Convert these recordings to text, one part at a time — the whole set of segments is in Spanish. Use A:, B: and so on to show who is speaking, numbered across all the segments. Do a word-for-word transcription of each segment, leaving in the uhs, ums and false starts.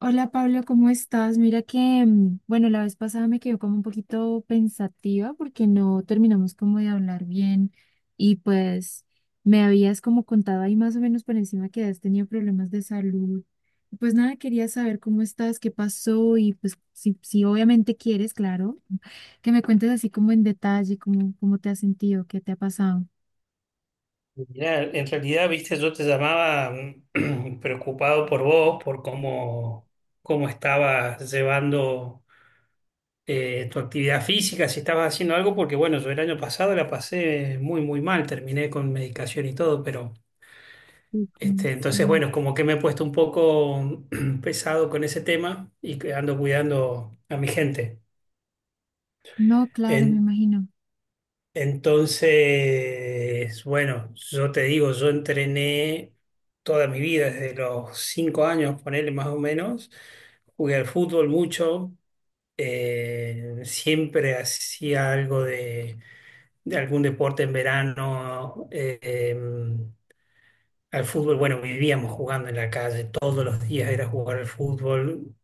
A: Hola Pablo, ¿cómo estás? Mira que, mm, bueno, la vez pasada me quedó como un poquito pensativa porque no terminamos como de hablar bien y pues me habías como contado ahí más o menos por encima que has tenido problemas de salud. Pues nada, quería saber cómo estás, qué pasó y pues si, si obviamente quieres, claro, que me cuentes así como en detalle cómo, cómo te has sentido, qué te ha pasado.
B: Mirá, en realidad, viste, yo te llamaba mm, preocupado por vos, por cómo, cómo estabas llevando eh, tu actividad física, si estabas haciendo algo, porque bueno, yo el año pasado la pasé muy, muy mal, terminé con medicación y todo. Pero
A: Sí, como
B: este, entonces,
A: sí.
B: bueno, como que me he puesto un poco pesado con ese tema y que ando cuidando a mi gente.
A: No, claro, me
B: En-
A: imagino.
B: Entonces, bueno, yo te digo, yo entrené toda mi vida, desde los cinco años, ponele más o menos. Jugué al fútbol mucho, eh, siempre hacía algo de, de algún deporte en verano. Eh, em, al fútbol, bueno, vivíamos jugando en la calle, todos los días era jugar al fútbol,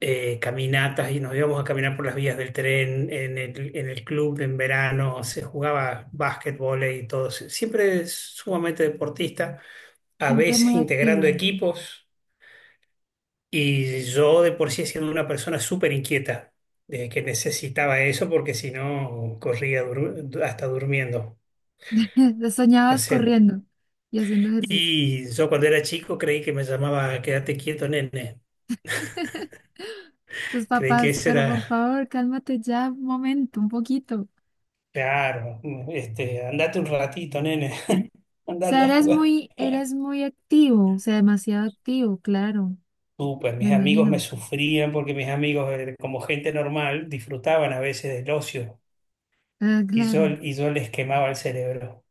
B: eh, caminatas, y nos íbamos a caminar por las vías del tren. En el, en el club en verano se jugaba básquetbol y todo. Siempre sumamente deportista, a
A: Siempre
B: veces
A: muy
B: integrando
A: activo.
B: equipos, y yo de por sí siendo una persona súper inquieta, de que necesitaba eso porque si no corría dur- hasta durmiendo. O
A: Soñabas
B: sea,
A: corriendo y haciendo ejercicio.
B: y yo cuando era chico creí que me llamaba quédate quieto, nene.
A: Tus
B: Creí que
A: papás,
B: ese
A: pero por
B: era...
A: favor, cálmate ya un momento, un poquito. O
B: Claro, este, andate un ratito, nene. Anda,
A: sea,
B: anda a
A: eres
B: jugar.
A: muy, eres muy activo, o sea, demasiado activo, claro,
B: Súper,
A: me
B: mis amigos me
A: imagino.
B: sufrían porque mis amigos, eh, como gente normal, disfrutaban a veces del ocio,
A: Ah,
B: y yo,
A: claro.
B: y yo les quemaba el cerebro.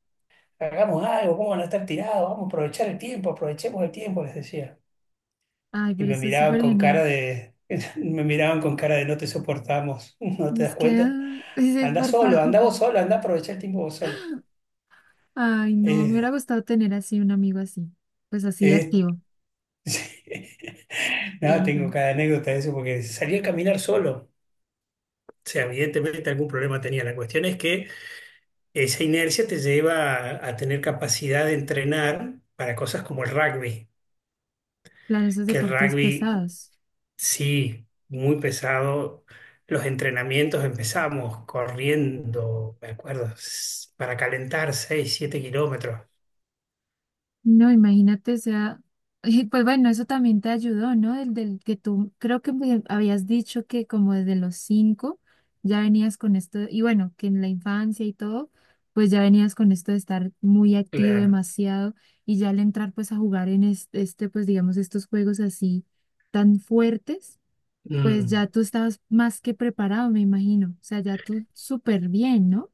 B: Hagamos algo, ¿cómo van a no estar tirados? Vamos a aprovechar el tiempo, aprovechemos el tiempo, les decía.
A: Ay,
B: Y
A: pero
B: me
A: eso es
B: miraban
A: súper
B: con cara
A: genial.
B: de, me miraban con cara de no te soportamos, ¿no te
A: Es
B: das
A: que,
B: cuenta?
A: ah, dices,
B: Anda
A: por
B: solo,
A: favor.
B: anda vos solo, anda a aprovechar el tiempo vos solo.
A: Ay, no, me hubiera
B: Eh,
A: gustado tener así un amigo así, pues así de
B: Es,
A: activo.
B: No, tengo
A: Entonces,
B: cada anécdota de eso porque salí a caminar solo. O sea, evidentemente algún problema tenía. La cuestión es que esa inercia te lleva a, a tener capacidad de entrenar para cosas como el rugby,
A: claro, esos
B: que el
A: deportes
B: rugby
A: pesados.
B: sí, muy pesado. Los entrenamientos empezamos corriendo, me acuerdo, s- para calentar seis, siete kilómetros.
A: No, imagínate, o sea, y pues bueno, eso también te ayudó, ¿no? El del que tú creo que me habías dicho que como desde los cinco ya venías con esto, y bueno, que en la infancia y todo, pues ya venías con esto de estar muy activo
B: Claro.
A: demasiado y ya al entrar pues a jugar en es- este, pues digamos, estos juegos así tan fuertes, pues
B: Mm.
A: ya tú estabas más que preparado, me imagino, o sea, ya tú súper bien, ¿no?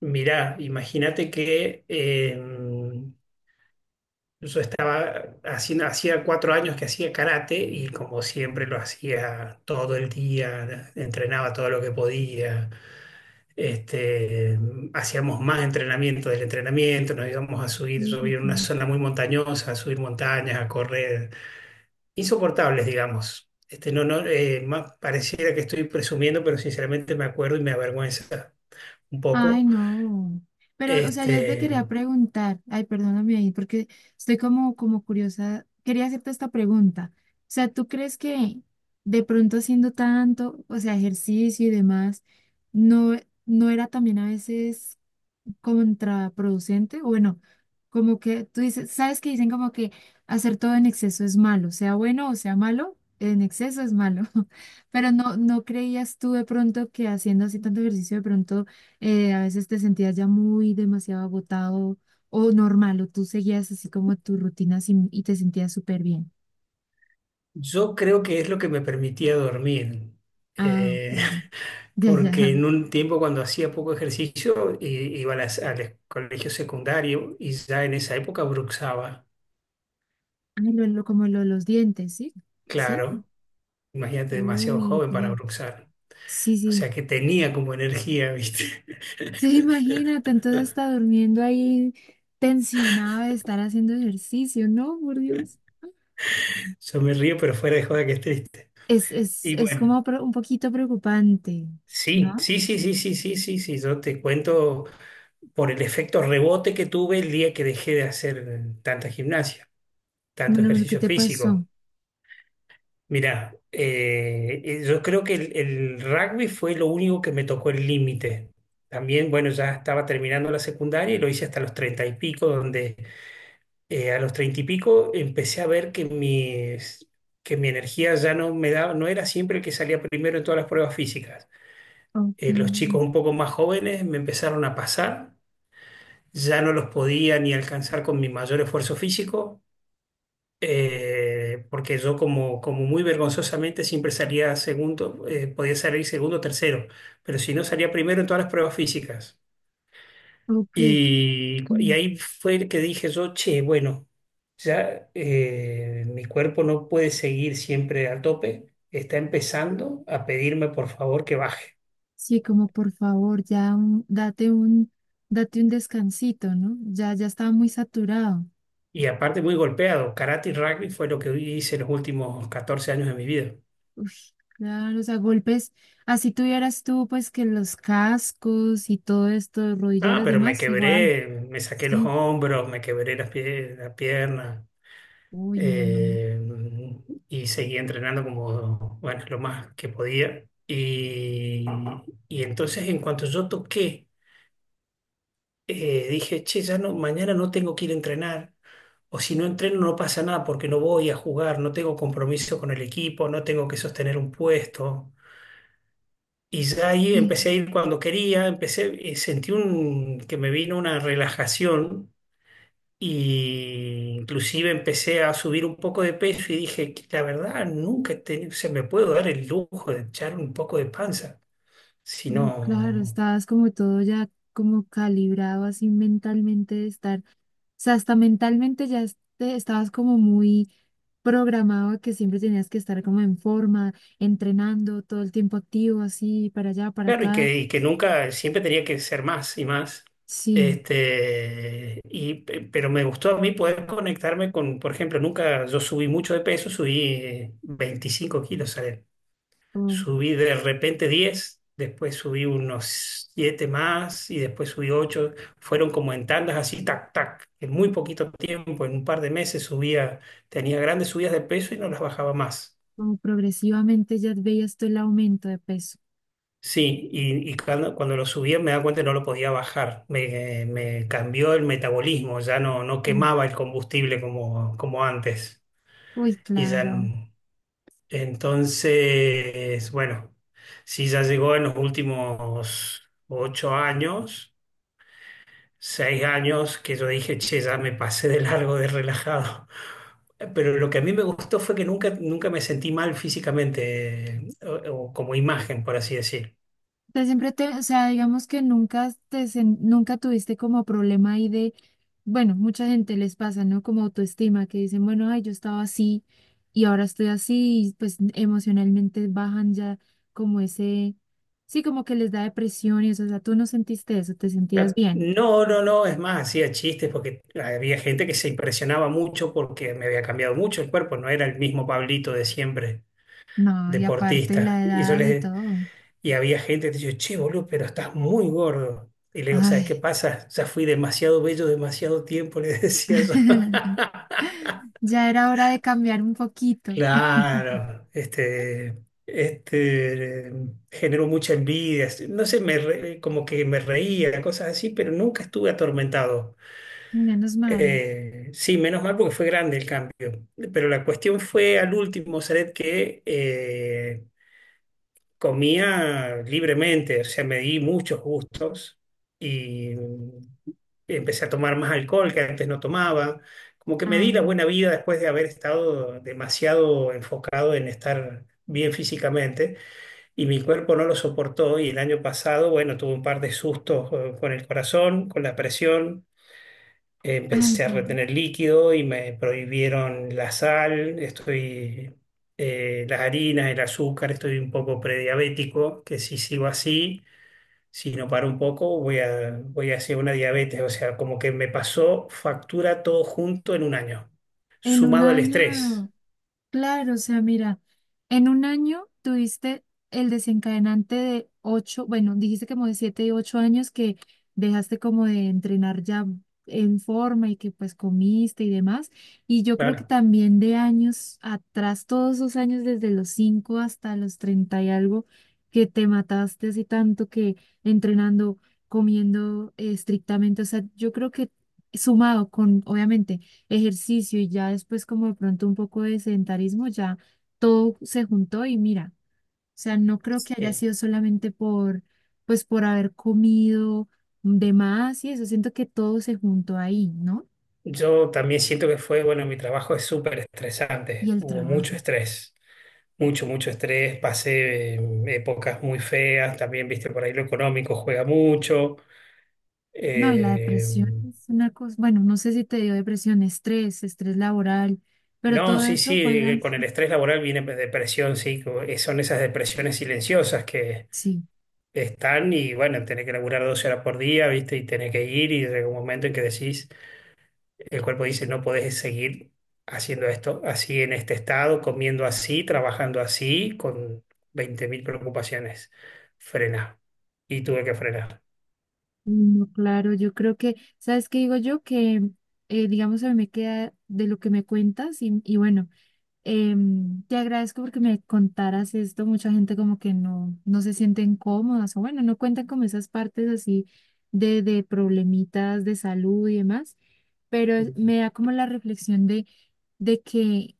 B: Mirá, imagínate que... em, yo estaba haciendo, hacía cuatro años que hacía karate, y como siempre lo hacía todo el día, entrenaba todo lo que podía. Este, hacíamos más entrenamiento del entrenamiento, nos íbamos a subir,
A: Sí,
B: yo
A: sí,
B: vivía en una
A: sí.
B: zona muy montañosa, a subir montañas, a correr, insoportables, digamos. Este, no, no, eh, más pareciera que estoy presumiendo, pero sinceramente me acuerdo y me avergüenza un
A: Ay,
B: poco.
A: no. Pero, o sea, yo te
B: Este,
A: quería preguntar, ay, perdóname ahí, porque estoy como, como curiosa, quería hacerte esta pregunta. O sea, ¿tú crees que de pronto haciendo tanto, o sea, ejercicio y demás, no, no era también a veces contraproducente, o bueno, como que tú dices, sabes que dicen como que hacer todo en exceso es malo, sea bueno o sea malo, en exceso es malo, pero no, no creías tú de pronto que haciendo así tanto ejercicio de pronto eh, a veces te sentías ya muy demasiado agotado o normal, o tú seguías así como tu rutina sin- y te sentías súper bien.
B: yo creo que es lo que me permitía dormir.
A: Ah,
B: Eh,
A: ya, ya, ya, ya.
B: porque en un tiempo cuando hacía poco ejercicio i- iba a las- al colegio secundario, y ya en esa época bruxaba.
A: Ah, lo, lo- como lo de los dientes, ¿sí? ¿Sí?
B: Claro, imagínate, demasiado
A: Uy,
B: joven para
A: Dios.
B: bruxar.
A: Sí,
B: O
A: sí.
B: sea que tenía como energía, ¿viste?
A: Sí, imagínate, entonces está durmiendo ahí tensionada de estar haciendo ejercicio, ¿no? Por Dios.
B: Yo me río, pero fuera de joda que es triste.
A: Es, es,
B: Y
A: es
B: bueno,
A: como pre- un poquito preocupante,
B: sí,
A: ¿no?
B: sí, sí, sí, sí, sí, sí, sí. Yo te cuento por el efecto rebote que tuve el día que dejé de hacer tanta gimnasia, tanto
A: Bueno, bueno, ¿qué
B: ejercicio
A: te
B: físico.
A: pasó?
B: Mirá, eh, eh, yo creo que el, el rugby fue lo único que me tocó el límite. También, bueno, ya estaba terminando la secundaria y lo hice hasta los treinta y pico, donde eh, a los treinta y pico empecé a ver que mis, que mi energía ya no me daba, no era siempre el que salía primero en todas las pruebas físicas.
A: Ok,
B: Eh, los
A: sí.
B: chicos un poco más jóvenes me empezaron a pasar, ya no los podía ni alcanzar con mi mayor esfuerzo físico, eh, porque yo como, como muy vergonzosamente siempre salía segundo, eh, podía salir segundo o tercero, pero si no salía primero en todas las pruebas físicas.
A: Ok,
B: Y, y
A: mm,
B: ahí fue el que dije yo, che, bueno, ya eh, mi cuerpo no puede seguir siempre al tope, está empezando a pedirme por favor que baje.
A: sí, como por favor, ya un- date un, date un descansito, ¿no? Ya, ya estaba muy saturado.
B: Y aparte muy golpeado, karate y rugby fue lo que hice los últimos catorce años de mi vida.
A: Uf, claro, o sea, golpes, así tuvieras tú, pues que los cascos y todo esto,
B: Ah,
A: rodilleras,
B: pero me
A: demás, igual,
B: quebré, me saqué los
A: sí.
B: hombros, me quebré las pie- la pierna.
A: Uy, no, no, no.
B: Eh, y seguía entrenando como, bueno, lo más que podía. Y, y entonces en cuanto yo toqué, eh, dije, che, ya no, mañana no tengo que ir a entrenar. O si no entreno no pasa nada porque no voy a jugar, no tengo compromiso con el equipo, no tengo que sostener un puesto. Y ya ahí empecé
A: Y
B: a ir cuando quería, empecé, eh, sentí un, que me vino una relajación. Y inclusive empecé a subir un poco de peso y dije: "Que la verdad, nunca he tenido- se me puedo dar el lujo de echar un poco de panza.
A: y claro,
B: Sino
A: estabas como todo ya como calibrado así mentalmente de estar, o sea, hasta mentalmente ya es- te- estabas como muy programado a que siempre tenías que estar como en forma, entrenando todo el tiempo activo, así para allá, para
B: claro, y
A: acá.
B: que, y que nunca, siempre tenía que ser más y más."
A: Sí,
B: Este, y, pe- pero me gustó a mí poder conectarme con, por ejemplo, nunca yo subí mucho de peso, subí eh, 25 kilos.
A: o
B: Subí de repente diez, después subí unos siete más, y después subí ocho. Fueron como en tandas así, tac, tac. En muy poquito tiempo, en un par de meses, subía, tenía grandes subidas de peso y no las bajaba más.
A: como progresivamente ya veías tú el aumento de peso.
B: Sí, y, y cuando, cuando lo subía me daba cuenta que no lo podía bajar. Me, me cambió el metabolismo, ya no, no
A: Uf,
B: quemaba el combustible como, como antes.
A: uy,
B: Y ya
A: claro.
B: entonces, bueno, sí, ya llegó en los últimos ocho años, seis años, que yo dije, che, ya me pasé de largo de relajado. Pero lo que a mí me gustó fue que nunca, nunca me sentí mal físicamente, eh, o, o como imagen, por así decir.
A: Sea, siempre te, o sea, digamos que nunca te, sen- nunca tuviste como problema ahí de, bueno, mucha gente les pasa, ¿no? Como autoestima, que dicen, bueno, ay, yo estaba así y ahora estoy así, y pues emocionalmente bajan ya como ese, sí, como que les da depresión y eso, o sea, tú no sentiste eso, te sentías bien.
B: No, no, no, es más, hacía chistes porque había gente que se impresionaba mucho porque me había cambiado mucho el cuerpo, no era el mismo Pablito de siempre,
A: No, y aparte
B: deportista.
A: la
B: Y yo
A: edad y
B: les,
A: todo.
B: y había gente que decía, che, boludo, pero estás muy gordo. Y le digo, ¿sabes qué
A: Ay,
B: pasa? Ya fui demasiado bello demasiado tiempo, le decía yo.
A: ya era hora de cambiar un poquito.
B: Claro, este, este, eh, generó mucha envidia. No sé, me re- como que me reía, cosas así, pero nunca estuve atormentado.
A: Menos mal.
B: Eh, sí, menos mal porque fue grande el cambio. Pero la cuestión fue al último, Saret, que eh, comía libremente, o sea, me di muchos gustos y empecé a tomar más alcohol, que antes no tomaba. Como que me di la
A: Ah,
B: buena vida después de haber estado demasiado enfocado en estar bien físicamente, y mi cuerpo no lo soportó. Y el año pasado, bueno, tuve un par de sustos eh, con el corazón, con la presión.
A: ay,
B: Empecé a
A: veamos.
B: retener líquido y me prohibieron la sal, estoy, eh, las harinas, el azúcar, estoy un poco prediabético, que si sigo así, si no paro un poco, voy a, voy hacia una diabetes. O sea, como que me pasó factura todo junto en un año,
A: En un
B: sumado al estrés.
A: año. Claro, o sea, mira, en un año tuviste el desencadenante de ocho, bueno, dijiste como de siete y ocho años que dejaste como de entrenar ya en forma y que pues comiste y demás. Y yo creo que
B: Claro.
A: también de años atrás, todos esos años desde los cinco hasta los treinta y algo, que te mataste así tanto que entrenando, comiendo eh, estrictamente, o sea, yo creo que sumado con, obviamente ejercicio y ya después como de pronto un poco de sedentarismo, ya todo se juntó y mira, o sea, no creo que haya
B: Sí.
A: sido solamente por, pues por haber comido de más y eso, siento que todo se juntó ahí, ¿no?
B: Yo también siento que fue, bueno, mi trabajo es súper
A: Y
B: estresante,
A: el
B: hubo
A: trabajo.
B: mucho estrés. Mucho, mucho estrés, pasé eh, épocas muy feas también, viste, por ahí lo económico juega mucho.
A: No, y la
B: Eh,
A: depresión es una cosa, bueno, no sé si te dio depresión, estrés, estrés laboral, pero
B: no,
A: todo
B: sí,
A: eso
B: sí,
A: fuera,
B: eh, con el estrés laboral viene depresión, sí, co- eh, son esas depresiones silenciosas que
A: sí,
B: están, y bueno, tenés que laburar doce horas por día, viste, y tenés que ir, y llega un momento en que decís, el cuerpo dice, no podés seguir haciendo esto así, en este estado, comiendo así, trabajando así, con veinte mil preocupaciones. Frena. Y tuve que frenar.
A: no, claro, yo creo que, ¿sabes qué digo yo? Que, eh, digamos, a mí me queda de lo que me cuentas y, y bueno. Em, te agradezco porque me contaras esto. Mucha gente como que no, no se sienten cómodas o bueno, no cuentan como esas partes así de, de problemitas de salud y demás, pero es- me da como la reflexión de, de que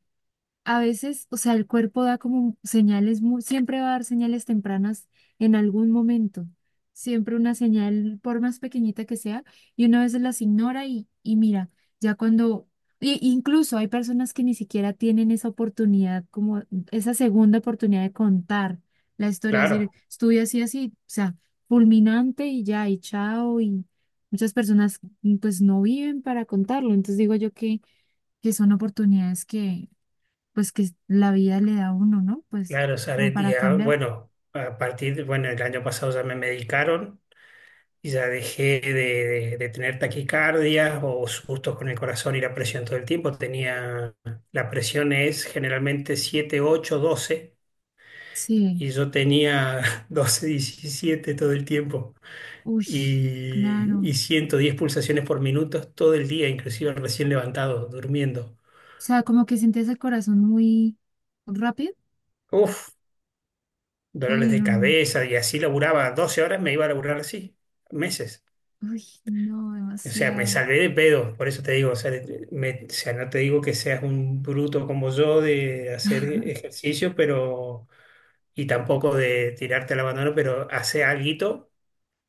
A: a veces, o sea, el cuerpo da como señales, mu- siempre va a dar señales tempranas en algún momento, siempre una señal, por más pequeñita que sea, y uno a veces las ignora y, y mira, ya cuando, y- incluso hay personas que ni siquiera tienen esa oportunidad, como esa segunda oportunidad de contar la historia, es decir,
B: Claro,
A: estuve así, así, o sea, fulminante y ya, y chao, y muchas personas pues no viven para contarlo, entonces digo yo que, que son oportunidades que pues que la vida le da a uno, ¿no? Pues
B: claro,
A: como
B: Saret,
A: para
B: ya,
A: cambiar.
B: bueno, a partir de- bueno, el año pasado ya me medicaron y ya dejé de, de- de tener taquicardias o sustos con el corazón y la presión todo el tiempo. Tenía, la presión es generalmente siete ocho doce,
A: Sí,
B: y yo tenía doce diecisiete todo el tiempo,
A: uy,
B: y,
A: claro.
B: y ciento diez pulsaciones por minuto todo el día, inclusive recién levantado, durmiendo.
A: O sea, como que sientes el corazón muy rápido.
B: Uf, dolores
A: Ay,
B: de
A: no, no.
B: cabeza, y así laburaba doce horas, me iba a laburar así, meses.
A: Uy, no,
B: O sea, me
A: demasiado.
B: salvé de pedo, por eso te digo, o sea, de- me- o sea, no te digo que seas un bruto como yo de hacer ejercicio, pero, y tampoco de tirarte al abandono, pero hace alguito.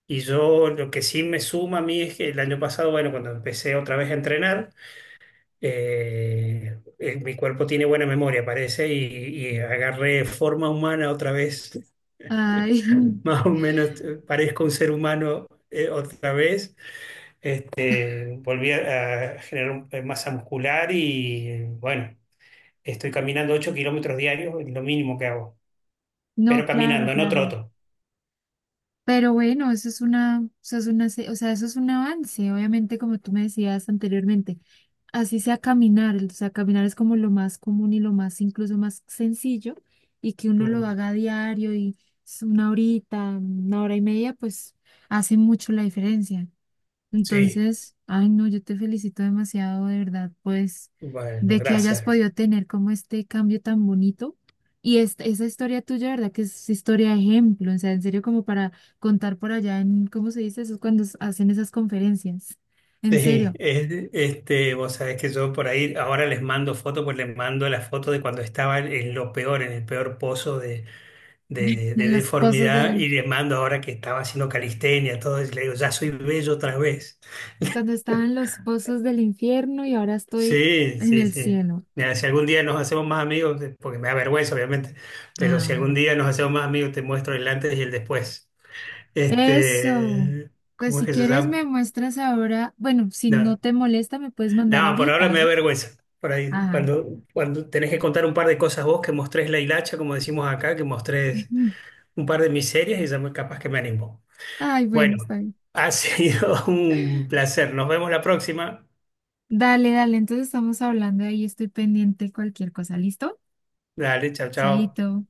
B: Y yo lo que sí me suma a mí es que el año pasado, bueno, cuando empecé otra vez a entrenar, eh, eh, mi cuerpo tiene buena memoria, parece, y, y agarré forma humana otra vez,
A: Ay,
B: más o menos, eh, parezco un ser humano eh, otra vez. Este, volví a, a generar un- eh, masa muscular, y eh, bueno, estoy caminando ocho kilómetros diarios, es lo mínimo que hago,
A: no,
B: pero
A: claro,
B: caminando, no
A: claro.
B: troto.
A: Pero bueno, eso es una, eso es una, se- o sea, eso es un avance, obviamente, como tú me decías anteriormente, así sea caminar, o sea, caminar es como lo más común y lo más, incluso más sencillo, y que uno lo
B: Mm,
A: haga a diario y es una horita, una hora y media, pues hace mucho la diferencia.
B: sí,
A: Entonces, ay, no, yo te felicito demasiado, de verdad, pues,
B: bueno,
A: de que hayas
B: gracias.
A: podido tener como este cambio tan bonito. Y esta, esa historia tuya, ¿verdad? Que es historia de ejemplo, o sea, en serio, como para contar por allá en, ¿cómo se dice eso? Es cuando s- hacen esas conferencias, en
B: Sí,
A: serio.
B: es- este, vos sabés que yo por ahí ahora les mando fotos, pues les mando la foto de cuando estaba en lo peor, en el peor pozo de, de, de
A: en los pozos del,
B: deformidad, y
A: in-
B: les mando ahora que estaba haciendo calistenia, todo, y le digo, ya soy bello otra vez.
A: Cuando estaba en los pozos del infierno y ahora estoy
B: Sí,
A: en
B: sí,
A: el
B: sí.
A: cielo.
B: Mira, si algún día nos hacemos más amigos, eh, porque me da vergüenza, obviamente, pero si algún
A: Ay,
B: día nos hacemos más amigos, te muestro el antes y el después.
A: eso.
B: Este,
A: Pues
B: ¿cómo es
A: si
B: que se
A: quieres
B: llama?
A: me muestras ahora, bueno, si no
B: No,
A: te molesta me puedes mandar
B: no, por ahora
A: ahorita,
B: me da
A: ¿no?
B: vergüenza. Por ahí,
A: Ay,
B: cuando, cuando tenés que contar un par de cosas vos, que mostrés la hilacha, como decimos acá, que mostrés un par de miserias, y ya me- capaz que me animo.
A: ay, bueno,
B: Bueno,
A: está bien.
B: ha sido un placer. Nos vemos la próxima.
A: Dale, dale, entonces estamos hablando ahí, estoy pendiente de cualquier cosa, ¿listo?
B: Dale, chao, chao.
A: Chaito.